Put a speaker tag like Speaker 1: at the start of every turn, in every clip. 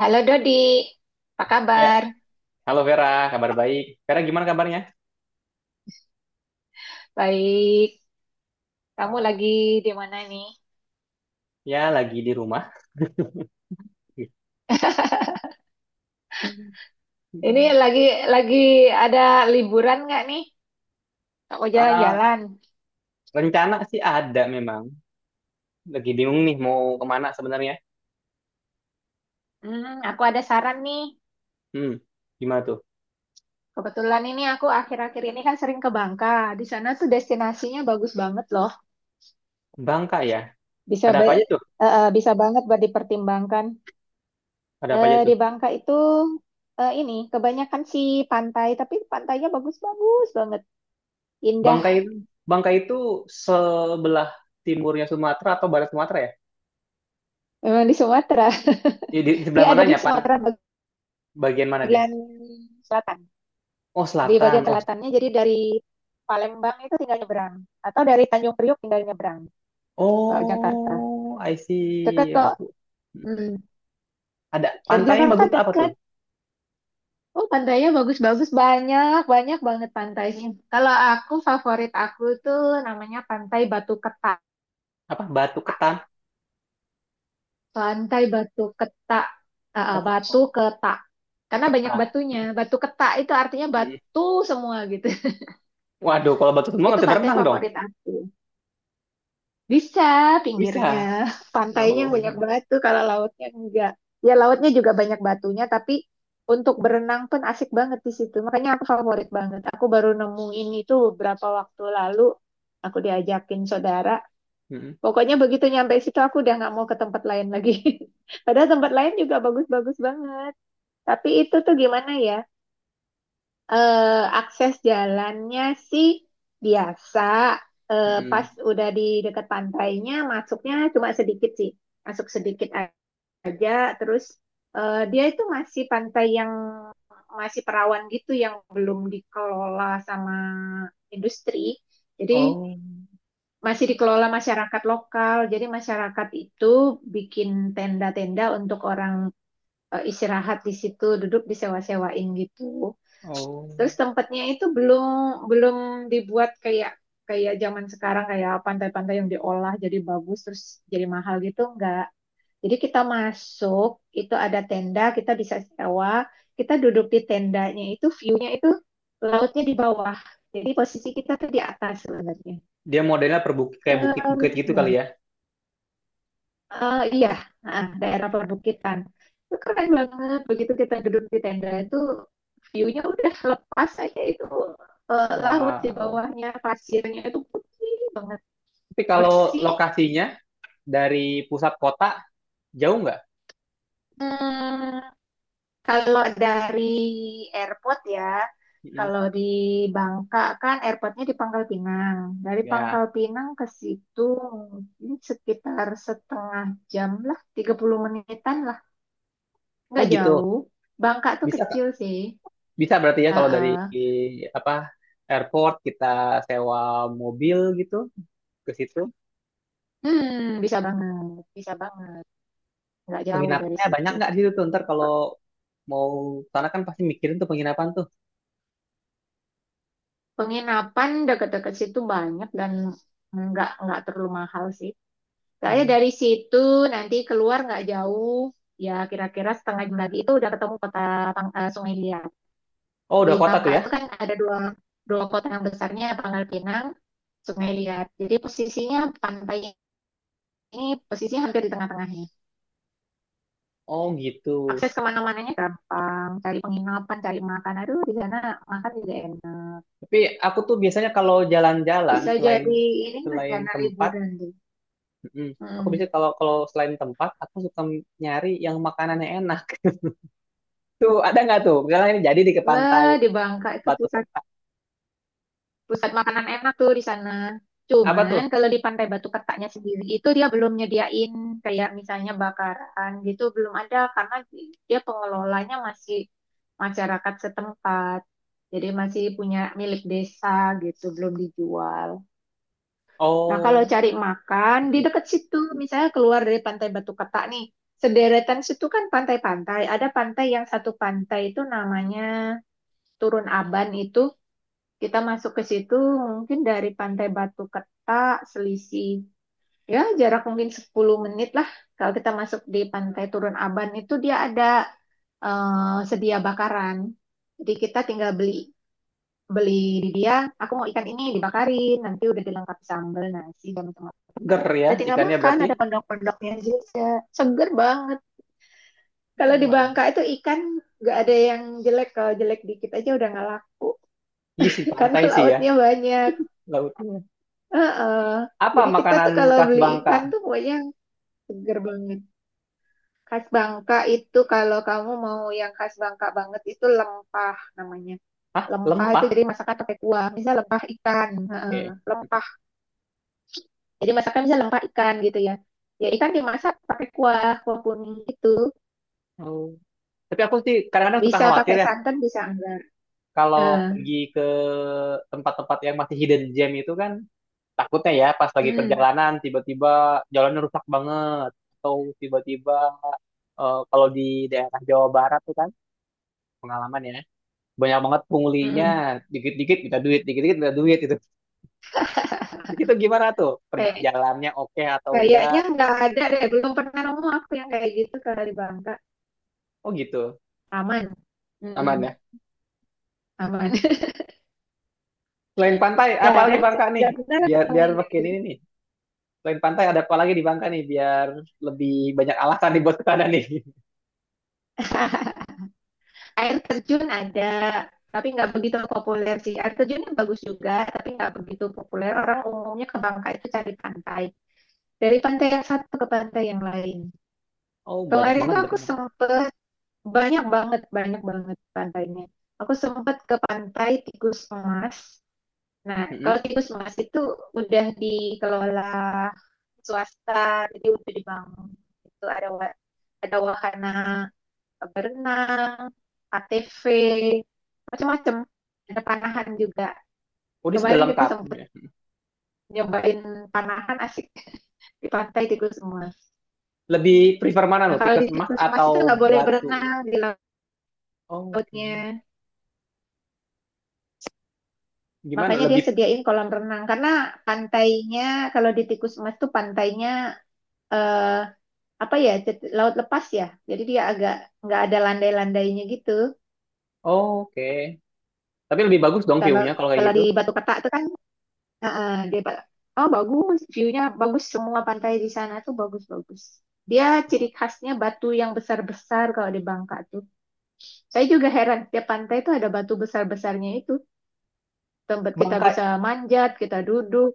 Speaker 1: Halo Dodi, apa
Speaker 2: Ya,
Speaker 1: kabar?
Speaker 2: halo Vera, kabar baik. Vera gimana kabarnya?
Speaker 1: Baik, kamu
Speaker 2: Wah,
Speaker 1: lagi di mana nih?
Speaker 2: ya, lagi di rumah.
Speaker 1: Ini lagi ada liburan nggak nih? Mau
Speaker 2: Ah,
Speaker 1: jalan-jalan?
Speaker 2: rencana sih ada memang. Lagi bingung nih mau kemana sebenarnya.
Speaker 1: Hmm, aku ada saran nih.
Speaker 2: Hmm, gimana tuh?
Speaker 1: Kebetulan ini aku akhir-akhir ini kan sering ke Bangka. Di sana tuh destinasinya bagus banget loh.
Speaker 2: Bangka ya?
Speaker 1: Bisa
Speaker 2: Ada
Speaker 1: ba-
Speaker 2: apa aja
Speaker 1: eh,
Speaker 2: tuh?
Speaker 1: eh, bisa banget buat dipertimbangkan.
Speaker 2: Ada apa aja
Speaker 1: Di
Speaker 2: tuh?
Speaker 1: Bangka itu ini kebanyakan sih pantai, tapi pantainya bagus-bagus banget, indah.
Speaker 2: Bangka itu, Bangka itu sebelah timurnya Sumatera atau barat Sumatera ya?
Speaker 1: Memang di Sumatera.
Speaker 2: Di, di di
Speaker 1: Dia
Speaker 2: sebelah
Speaker 1: ada di
Speaker 2: mananya, Pan?
Speaker 1: Sumatera
Speaker 2: Bagian mana dia?
Speaker 1: bagian selatan.
Speaker 2: Oh,
Speaker 1: Di bagian
Speaker 2: selatan. Oh,
Speaker 1: selatannya jadi dari Palembang itu tinggal nyebrang atau dari Tanjung Priok tinggal nyebrang ke Jakarta.
Speaker 2: oh, I
Speaker 1: Dekat
Speaker 2: see.
Speaker 1: kok.
Speaker 2: Aku hmm.
Speaker 1: Hmm.
Speaker 2: Ada
Speaker 1: Dari
Speaker 2: pantainya
Speaker 1: Jakarta
Speaker 2: bagus apa tuh?
Speaker 1: dekat. Oh, pantainya bagus-bagus banyak, banyak banget pantainya. Kalau aku favorit aku tuh namanya Pantai Batu Ketak.
Speaker 2: Apa? Batu Ketan.
Speaker 1: Pantai Batu Ketak. Ah,
Speaker 2: Oh,
Speaker 1: Batu Ketak. Karena banyak
Speaker 2: Ketan.
Speaker 1: batunya. Batu Ketak itu artinya
Speaker 2: Mm.
Speaker 1: batu semua gitu.
Speaker 2: Waduh, kalau batu semua nggak
Speaker 1: Itu
Speaker 2: bisa
Speaker 1: pantai
Speaker 2: berenang dong.
Speaker 1: favorit aku. Bisa pinggirnya,
Speaker 2: Bisa.
Speaker 1: pantainya yang
Speaker 2: Oh.
Speaker 1: banyak batu kalau lautnya enggak. Ya lautnya juga banyak batunya tapi untuk berenang pun asik banget di situ. Makanya aku favorit banget. Aku baru nemuin itu beberapa waktu lalu. Aku diajakin saudara.
Speaker 2: Mm.
Speaker 1: Pokoknya begitu nyampe situ aku udah nggak mau ke tempat lain lagi. Padahal tempat lain juga bagus-bagus banget. Tapi itu tuh gimana ya? Akses jalannya sih biasa. Pas
Speaker 2: Mm.
Speaker 1: udah di dekat pantainya, masuknya cuma sedikit sih. Masuk sedikit aja. Terus dia itu masih pantai yang masih perawan gitu, yang belum dikelola sama industri. Jadi
Speaker 2: Oh.
Speaker 1: masih dikelola masyarakat lokal. Jadi masyarakat itu bikin tenda-tenda untuk orang istirahat di situ, duduk disewa-sewain gitu.
Speaker 2: Oh.
Speaker 1: Terus tempatnya itu belum belum dibuat kayak kayak zaman sekarang kayak pantai-pantai yang diolah jadi bagus terus jadi mahal gitu enggak. Jadi kita masuk, itu ada tenda, kita bisa sewa, kita duduk di tendanya itu view-nya itu lautnya di bawah. Jadi posisi kita tuh di atas sebenarnya.
Speaker 2: Dia modelnya per bukit, kayak
Speaker 1: Keren
Speaker 2: bukit-bukit gitu kali
Speaker 1: banget.
Speaker 2: ya.
Speaker 1: Iya, daerah perbukitan. Itu keren banget. Begitu kita duduk di tenda itu, view-nya udah lepas aja itu laut di
Speaker 2: Wow.
Speaker 1: bawahnya, pasirnya itu putih banget,
Speaker 2: Tapi kalau
Speaker 1: bersih.
Speaker 2: lokasinya dari pusat kota jauh nggak?
Speaker 1: Hmm, kalau dari airport ya,
Speaker 2: Mm.
Speaker 1: kalau di Bangka kan airportnya di Pangkal Pinang. Dari
Speaker 2: Ya.
Speaker 1: Pangkal Pinang ke situ mungkin sekitar setengah jam lah, 30 menitan lah,
Speaker 2: Oh
Speaker 1: nggak
Speaker 2: gitu.
Speaker 1: jauh. Bangka tuh
Speaker 2: Bisa Kak.
Speaker 1: kecil sih.
Speaker 2: Bisa berarti ya kalau dari
Speaker 1: Heeh.
Speaker 2: apa airport kita sewa mobil gitu ke situ.
Speaker 1: Hmm, bisa banget, bisa banget. Nggak jauh dari
Speaker 2: Penginapannya
Speaker 1: situ.
Speaker 2: banyak nggak di situ tuh? Ntar kalau mau sana kan pasti mikirin tuh penginapan tuh.
Speaker 1: Penginapan deket-deket situ banyak dan nggak terlalu mahal sih. Saya
Speaker 2: Mm.
Speaker 1: dari situ nanti keluar nggak jauh, ya kira-kira setengah jam lagi itu udah ketemu kota Sungai Liat.
Speaker 2: Oh
Speaker 1: Di
Speaker 2: udah kota tuh
Speaker 1: Bangka
Speaker 2: ya?
Speaker 1: itu kan ada dua dua kota yang besarnya Pangkal Pinang, Sungai Liat. Jadi posisinya pantai ini posisinya hampir di tengah-tengahnya.
Speaker 2: Oh gitu.
Speaker 1: Akses kemana-mananya gampang, cari penginapan, cari makan. Aduh, di sana makan juga enak.
Speaker 2: Tapi aku tuh biasanya kalau jalan-jalan
Speaker 1: Bisa
Speaker 2: selain
Speaker 1: jadi ini
Speaker 2: selain
Speaker 1: rencana
Speaker 2: tempat,
Speaker 1: liburan deh.
Speaker 2: mm, aku
Speaker 1: Mm.
Speaker 2: biasanya kalau kalau selain tempat aku suka nyari yang makanannya enak. Tuh ada nggak tuh? Misalnya ini jadi di ke pantai
Speaker 1: Wah, di Bangka itu
Speaker 2: Batu
Speaker 1: pusat
Speaker 2: Keta.
Speaker 1: pusat makanan enak tuh di sana.
Speaker 2: Apa
Speaker 1: Cuman
Speaker 2: tuh?
Speaker 1: kalau di Pantai Batu Ketaknya sendiri itu dia belum nyediain kayak misalnya bakaran gitu belum ada karena dia pengelolanya masih masyarakat setempat. Jadi masih punya milik desa gitu, belum dijual. Nah, kalau
Speaker 2: Oh,
Speaker 1: cari makan di
Speaker 2: mm,
Speaker 1: dekat situ, misalnya keluar dari Pantai Batu Ketak nih, sederetan situ kan pantai-pantai. Ada pantai yang satu pantai itu namanya Turun Aban itu. Kita masuk ke situ mungkin dari Pantai Batu Ketak selisih ya jarak mungkin 10 menit lah. Kalau kita masuk di Pantai Turun Aban itu dia ada sedia bakaran. Jadi kita tinggal beli beli di dia, aku mau ikan ini dibakarin nanti udah dilengkapi sambal nasi dan teman-teman,
Speaker 2: seger ya
Speaker 1: udah tinggal
Speaker 2: ikannya
Speaker 1: makan,
Speaker 2: berarti.
Speaker 1: ada pendok-pendoknya juga, seger banget. Kalau di
Speaker 2: Waduh.
Speaker 1: Bangka itu ikan nggak ada yang jelek, kalau jelek dikit aja udah nggak laku
Speaker 2: Iya sih
Speaker 1: karena
Speaker 2: pantai sih ya
Speaker 1: lautnya banyak.
Speaker 2: lautnya.
Speaker 1: Heeh.
Speaker 2: Apa
Speaker 1: Jadi kita
Speaker 2: makanan
Speaker 1: tuh kalau
Speaker 2: khas
Speaker 1: beli
Speaker 2: Bangka?
Speaker 1: ikan tuh pokoknya seger banget. Khas Bangka itu kalau kamu mau yang khas Bangka banget itu lempah namanya.
Speaker 2: Hah,
Speaker 1: Lempah itu
Speaker 2: lempah.
Speaker 1: jadi masakan pakai kuah, misal lempah ikan. Heeh.
Speaker 2: Oke.
Speaker 1: Lempah. Jadi masakan bisa lempak ikan gitu ya. Ya ikan dimasak pakai kuah, kuah kuning gitu.
Speaker 2: Oh. Tapi aku sih kadang-kadang suka
Speaker 1: Bisa
Speaker 2: khawatir
Speaker 1: pakai
Speaker 2: ya
Speaker 1: santan, bisa enggak.
Speaker 2: kalau
Speaker 1: Eh,
Speaker 2: pergi ke tempat-tempat yang masih hidden gem itu kan takutnya ya pas lagi
Speaker 1: mm,
Speaker 2: perjalanan tiba-tiba jalannya rusak banget atau tiba-tiba kalau di daerah Jawa Barat tuh kan pengalaman ya banyak banget punglinya
Speaker 1: mm-mm.
Speaker 2: dikit-dikit minta duit itu itu gimana tuh
Speaker 1: Kayak,
Speaker 2: perjalannya oke atau enggak.
Speaker 1: kayaknya nggak ada deh. Belum pernah nemu aku yang kayak gitu kalau di Bangka.
Speaker 2: Oh gitu,
Speaker 1: Aman.
Speaker 2: aman
Speaker 1: Mm-mm.
Speaker 2: ya.
Speaker 1: Aman.
Speaker 2: Selain pantai apalagi
Speaker 1: Jarang sih.
Speaker 2: Bangka nih
Speaker 1: Nggak pernah lah
Speaker 2: biar
Speaker 1: ketemu
Speaker 2: biar
Speaker 1: yang kayak
Speaker 2: makin
Speaker 1: gitu.
Speaker 2: ini nih, selain pantai ada apa lagi di Bangka nih biar lebih banyak alasan nih buat kesana nih.
Speaker 1: Air terjun ada. Tapi nggak begitu populer sih. Air terjunnya bagus juga, tapi nggak begitu populer. Orang umumnya ke Bangka itu cari pantai. Dari pantai yang satu ke pantai yang lain.
Speaker 2: Oh, banyak
Speaker 1: Kemarin
Speaker 2: banget
Speaker 1: tuh
Speaker 2: berarti
Speaker 1: aku
Speaker 2: Bang.
Speaker 1: sempet banyak banget pantainya. Aku sempet ke Pantai Tikus Emas. Nah, kalau
Speaker 2: Mm-mm.
Speaker 1: Tikus Emas itu udah dikelola swasta, jadi udah dibangun. Itu ada ada wahana berenang, ATV, macam-macam. Ada panahan juga.
Speaker 2: Udah sudah
Speaker 1: Kemarin kita
Speaker 2: lengkap
Speaker 1: sempet
Speaker 2: ya.
Speaker 1: nyobain panahan asik di Pantai Tikus Emas.
Speaker 2: Lebih prefer mana
Speaker 1: Nah,
Speaker 2: lo,
Speaker 1: kalau di
Speaker 2: tikus emas
Speaker 1: Tikus Emas itu
Speaker 2: atau
Speaker 1: nggak boleh
Speaker 2: batu?
Speaker 1: berenang di
Speaker 2: Oh, oke.
Speaker 1: lautnya.
Speaker 2: Gimana?
Speaker 1: Makanya dia
Speaker 2: Lebih
Speaker 1: sediain kolam renang karena pantainya, kalau di Tikus Emas tuh pantainya eh, apa ya laut lepas ya. Jadi dia agak nggak ada landai-landainya gitu.
Speaker 2: oh, oke. Tapi lebih bagus dong
Speaker 1: Kalau
Speaker 2: view-nya kalau kayak
Speaker 1: kalau
Speaker 2: gitu.
Speaker 1: di Batu Ketak tuh kan eh, eh, dia ba- oh bagus, view-nya bagus, semua pantai di sana tuh bagus-bagus. Dia ciri khasnya batu yang besar-besar kalau di Bangka tuh. Saya juga heran tiap pantai tuh ada batu besar-besarnya itu. Tempat kita
Speaker 2: Bangka.
Speaker 1: bisa manjat, kita duduk,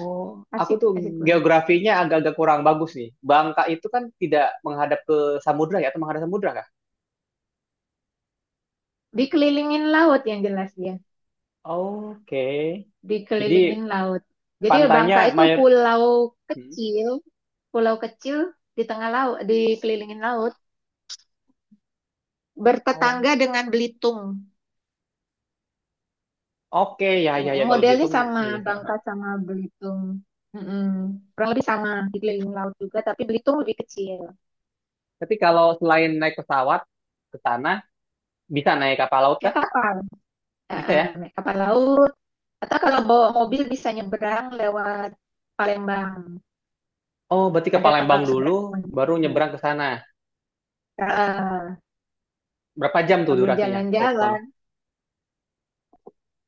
Speaker 2: Oh, aku
Speaker 1: asik
Speaker 2: tuh
Speaker 1: asik banget.
Speaker 2: geografinya agak-agak kurang bagus nih. Bangka itu kan tidak menghadap ke samudra ya, atau menghadap samudra kah?
Speaker 1: Dikelilingin laut yang jelas dia,
Speaker 2: Oke. Jadi
Speaker 1: dikelilingin laut. Jadi
Speaker 2: pantainya
Speaker 1: Bangka itu
Speaker 2: mayor. Hmm.
Speaker 1: kecil, pulau kecil di tengah laut, dikelilingin laut,
Speaker 2: Oh.
Speaker 1: bertetangga dengan Belitung.
Speaker 2: Oke, ya ya ya kalau
Speaker 1: Modelnya
Speaker 2: Belitung.
Speaker 1: sama
Speaker 2: Ya, ya.
Speaker 1: Bangka sama Belitung. Mm-mm. Kurang lebih sama, dikelilingin laut juga, tapi Belitung lebih kecil.
Speaker 2: Tapi kalau selain naik pesawat ke sana, bisa naik kapal laut
Speaker 1: Kayak
Speaker 2: kah?
Speaker 1: kapal,
Speaker 2: Bisa
Speaker 1: heeh,
Speaker 2: ya?
Speaker 1: naik kapal laut. Atau kalau bawa mobil bisa nyebrang lewat Palembang.
Speaker 2: Oh, berarti ke
Speaker 1: Ada kapal
Speaker 2: Palembang dulu,
Speaker 1: seberang.
Speaker 2: baru
Speaker 1: Nah,
Speaker 2: nyebrang ke sana.
Speaker 1: heeh.
Speaker 2: Berapa jam tuh
Speaker 1: Sambil
Speaker 2: durasinya kalau ke sana?
Speaker 1: jalan-jalan.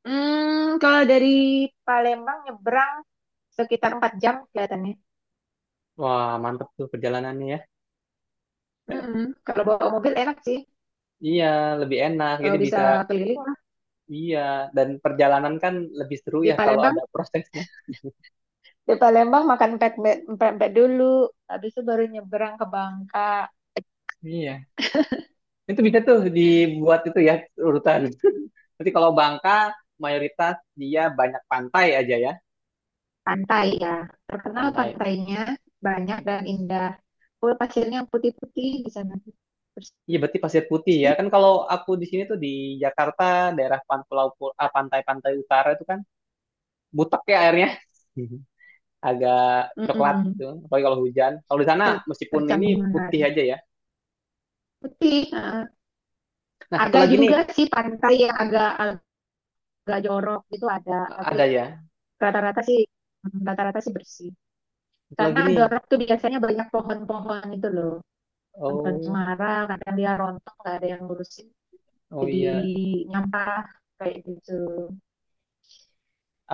Speaker 1: Hmm, kalau dari Palembang nyebrang sekitar 4 jam kelihatannya.
Speaker 2: Wah, mantep tuh perjalanannya ya.
Speaker 1: Mm-mm. Kalau bawa mobil enak sih,
Speaker 2: Iya, lebih enak. Jadi
Speaker 1: Bisa
Speaker 2: bisa,
Speaker 1: keliling lah.
Speaker 2: iya. Dan perjalanan kan lebih seru
Speaker 1: Di
Speaker 2: ya kalau
Speaker 1: Palembang,
Speaker 2: ada prosesnya.
Speaker 1: di Palembang makan pempek pempek dulu, habis itu baru nyebrang ke Bangka.
Speaker 2: Iya. Itu bisa tuh dibuat itu ya urutan. Nanti kalau Bangka, mayoritas dia banyak pantai aja ya.
Speaker 1: Pantai ya, terkenal
Speaker 2: Pantai.
Speaker 1: pantainya banyak dan
Speaker 2: Pantai.
Speaker 1: indah. Oh, pasirnya putih-putih di sana,
Speaker 2: Iya, berarti Pasir Putih ya.
Speaker 1: bersih.
Speaker 2: Kan kalau aku di sini tuh di Jakarta, daerah pan- pulau- pul- ah, pantai-pantai utara itu kan butek ya airnya. Agak coklat gitu.
Speaker 1: Mm-mm.
Speaker 2: Apalagi kalau hujan. Kalau di sana
Speaker 1: Ter-
Speaker 2: meskipun ini
Speaker 1: Tercambung
Speaker 2: putih
Speaker 1: menara.
Speaker 2: aja ya.
Speaker 1: Putih. Eh.
Speaker 2: Nah, satu
Speaker 1: Ada
Speaker 2: lagi nih
Speaker 1: juga sih pantai yang agak agak jorok gitu ada, tapi
Speaker 2: ada ya.
Speaker 1: rata-rata sih, hmm, rata-rata sih bersih.
Speaker 2: Satu
Speaker 1: Karena
Speaker 2: lagi nih.
Speaker 1: Dorok tuh biasanya banyak pohon-pohon itu loh. Pohon
Speaker 2: Oh,
Speaker 1: cemara, kadang dia rontok, nggak ada yang ngurusin.
Speaker 2: oh
Speaker 1: Jadi
Speaker 2: iya.
Speaker 1: nyampah kayak gitu.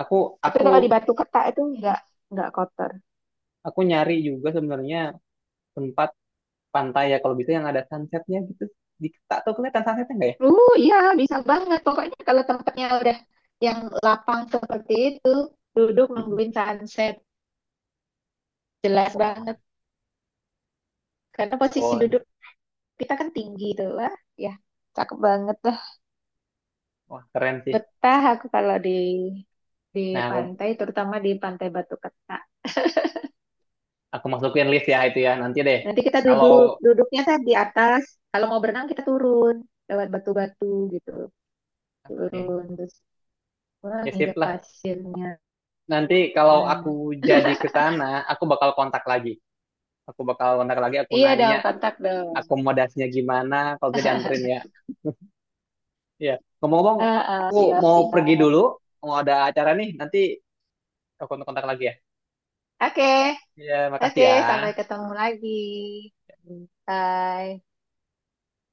Speaker 2: Aku
Speaker 1: Tapi
Speaker 2: aku
Speaker 1: kalau di Batu Keta itu nggak kotor.
Speaker 2: aku nyari juga sebenarnya tempat pantai ya kalau bisa yang ada sunsetnya gitu. Di, tak tahu kelihatan sunsetnya nggak ya?
Speaker 1: Iya bisa banget. Pokoknya kalau tempatnya udah yang lapang seperti itu, duduk
Speaker 2: Mm-mm.
Speaker 1: nungguin sunset, jelas banget.
Speaker 2: Wah,
Speaker 1: Karena posisi
Speaker 2: oh,
Speaker 1: duduk kita kan tinggi tuh lah. Ya, cakep banget lah.
Speaker 2: wah keren sih.
Speaker 1: Betah aku kalau di
Speaker 2: Nah, aku
Speaker 1: pantai, terutama di Pantai Batu Keta.
Speaker 2: aku masukin list ya itu ya nanti deh.
Speaker 1: Nanti kita
Speaker 2: Kalau
Speaker 1: duduk, duduknya kan di atas. Kalau mau berenang kita turun lewat batu-batu gitu,
Speaker 2: oke,
Speaker 1: turun terus wah
Speaker 2: ya sip
Speaker 1: nginjak
Speaker 2: lah.
Speaker 1: pasirnya.
Speaker 2: Nanti kalau aku jadi ke sana, aku bakal kontak lagi. Aku bakal kontak lagi, aku
Speaker 1: Iya dong,
Speaker 2: nanya
Speaker 1: kontak dong.
Speaker 2: akomodasinya gimana kalau bisa dianterin ya. Ya, ngomong-ngomong, aku
Speaker 1: Siap,
Speaker 2: mau pergi
Speaker 1: siap.
Speaker 2: dulu, mau ada acara nih, nanti aku kontak-kontak lagi ya.
Speaker 1: Oke,
Speaker 2: Ya, makasih
Speaker 1: oke, sampai
Speaker 2: ya.
Speaker 1: ketemu lagi. Bye.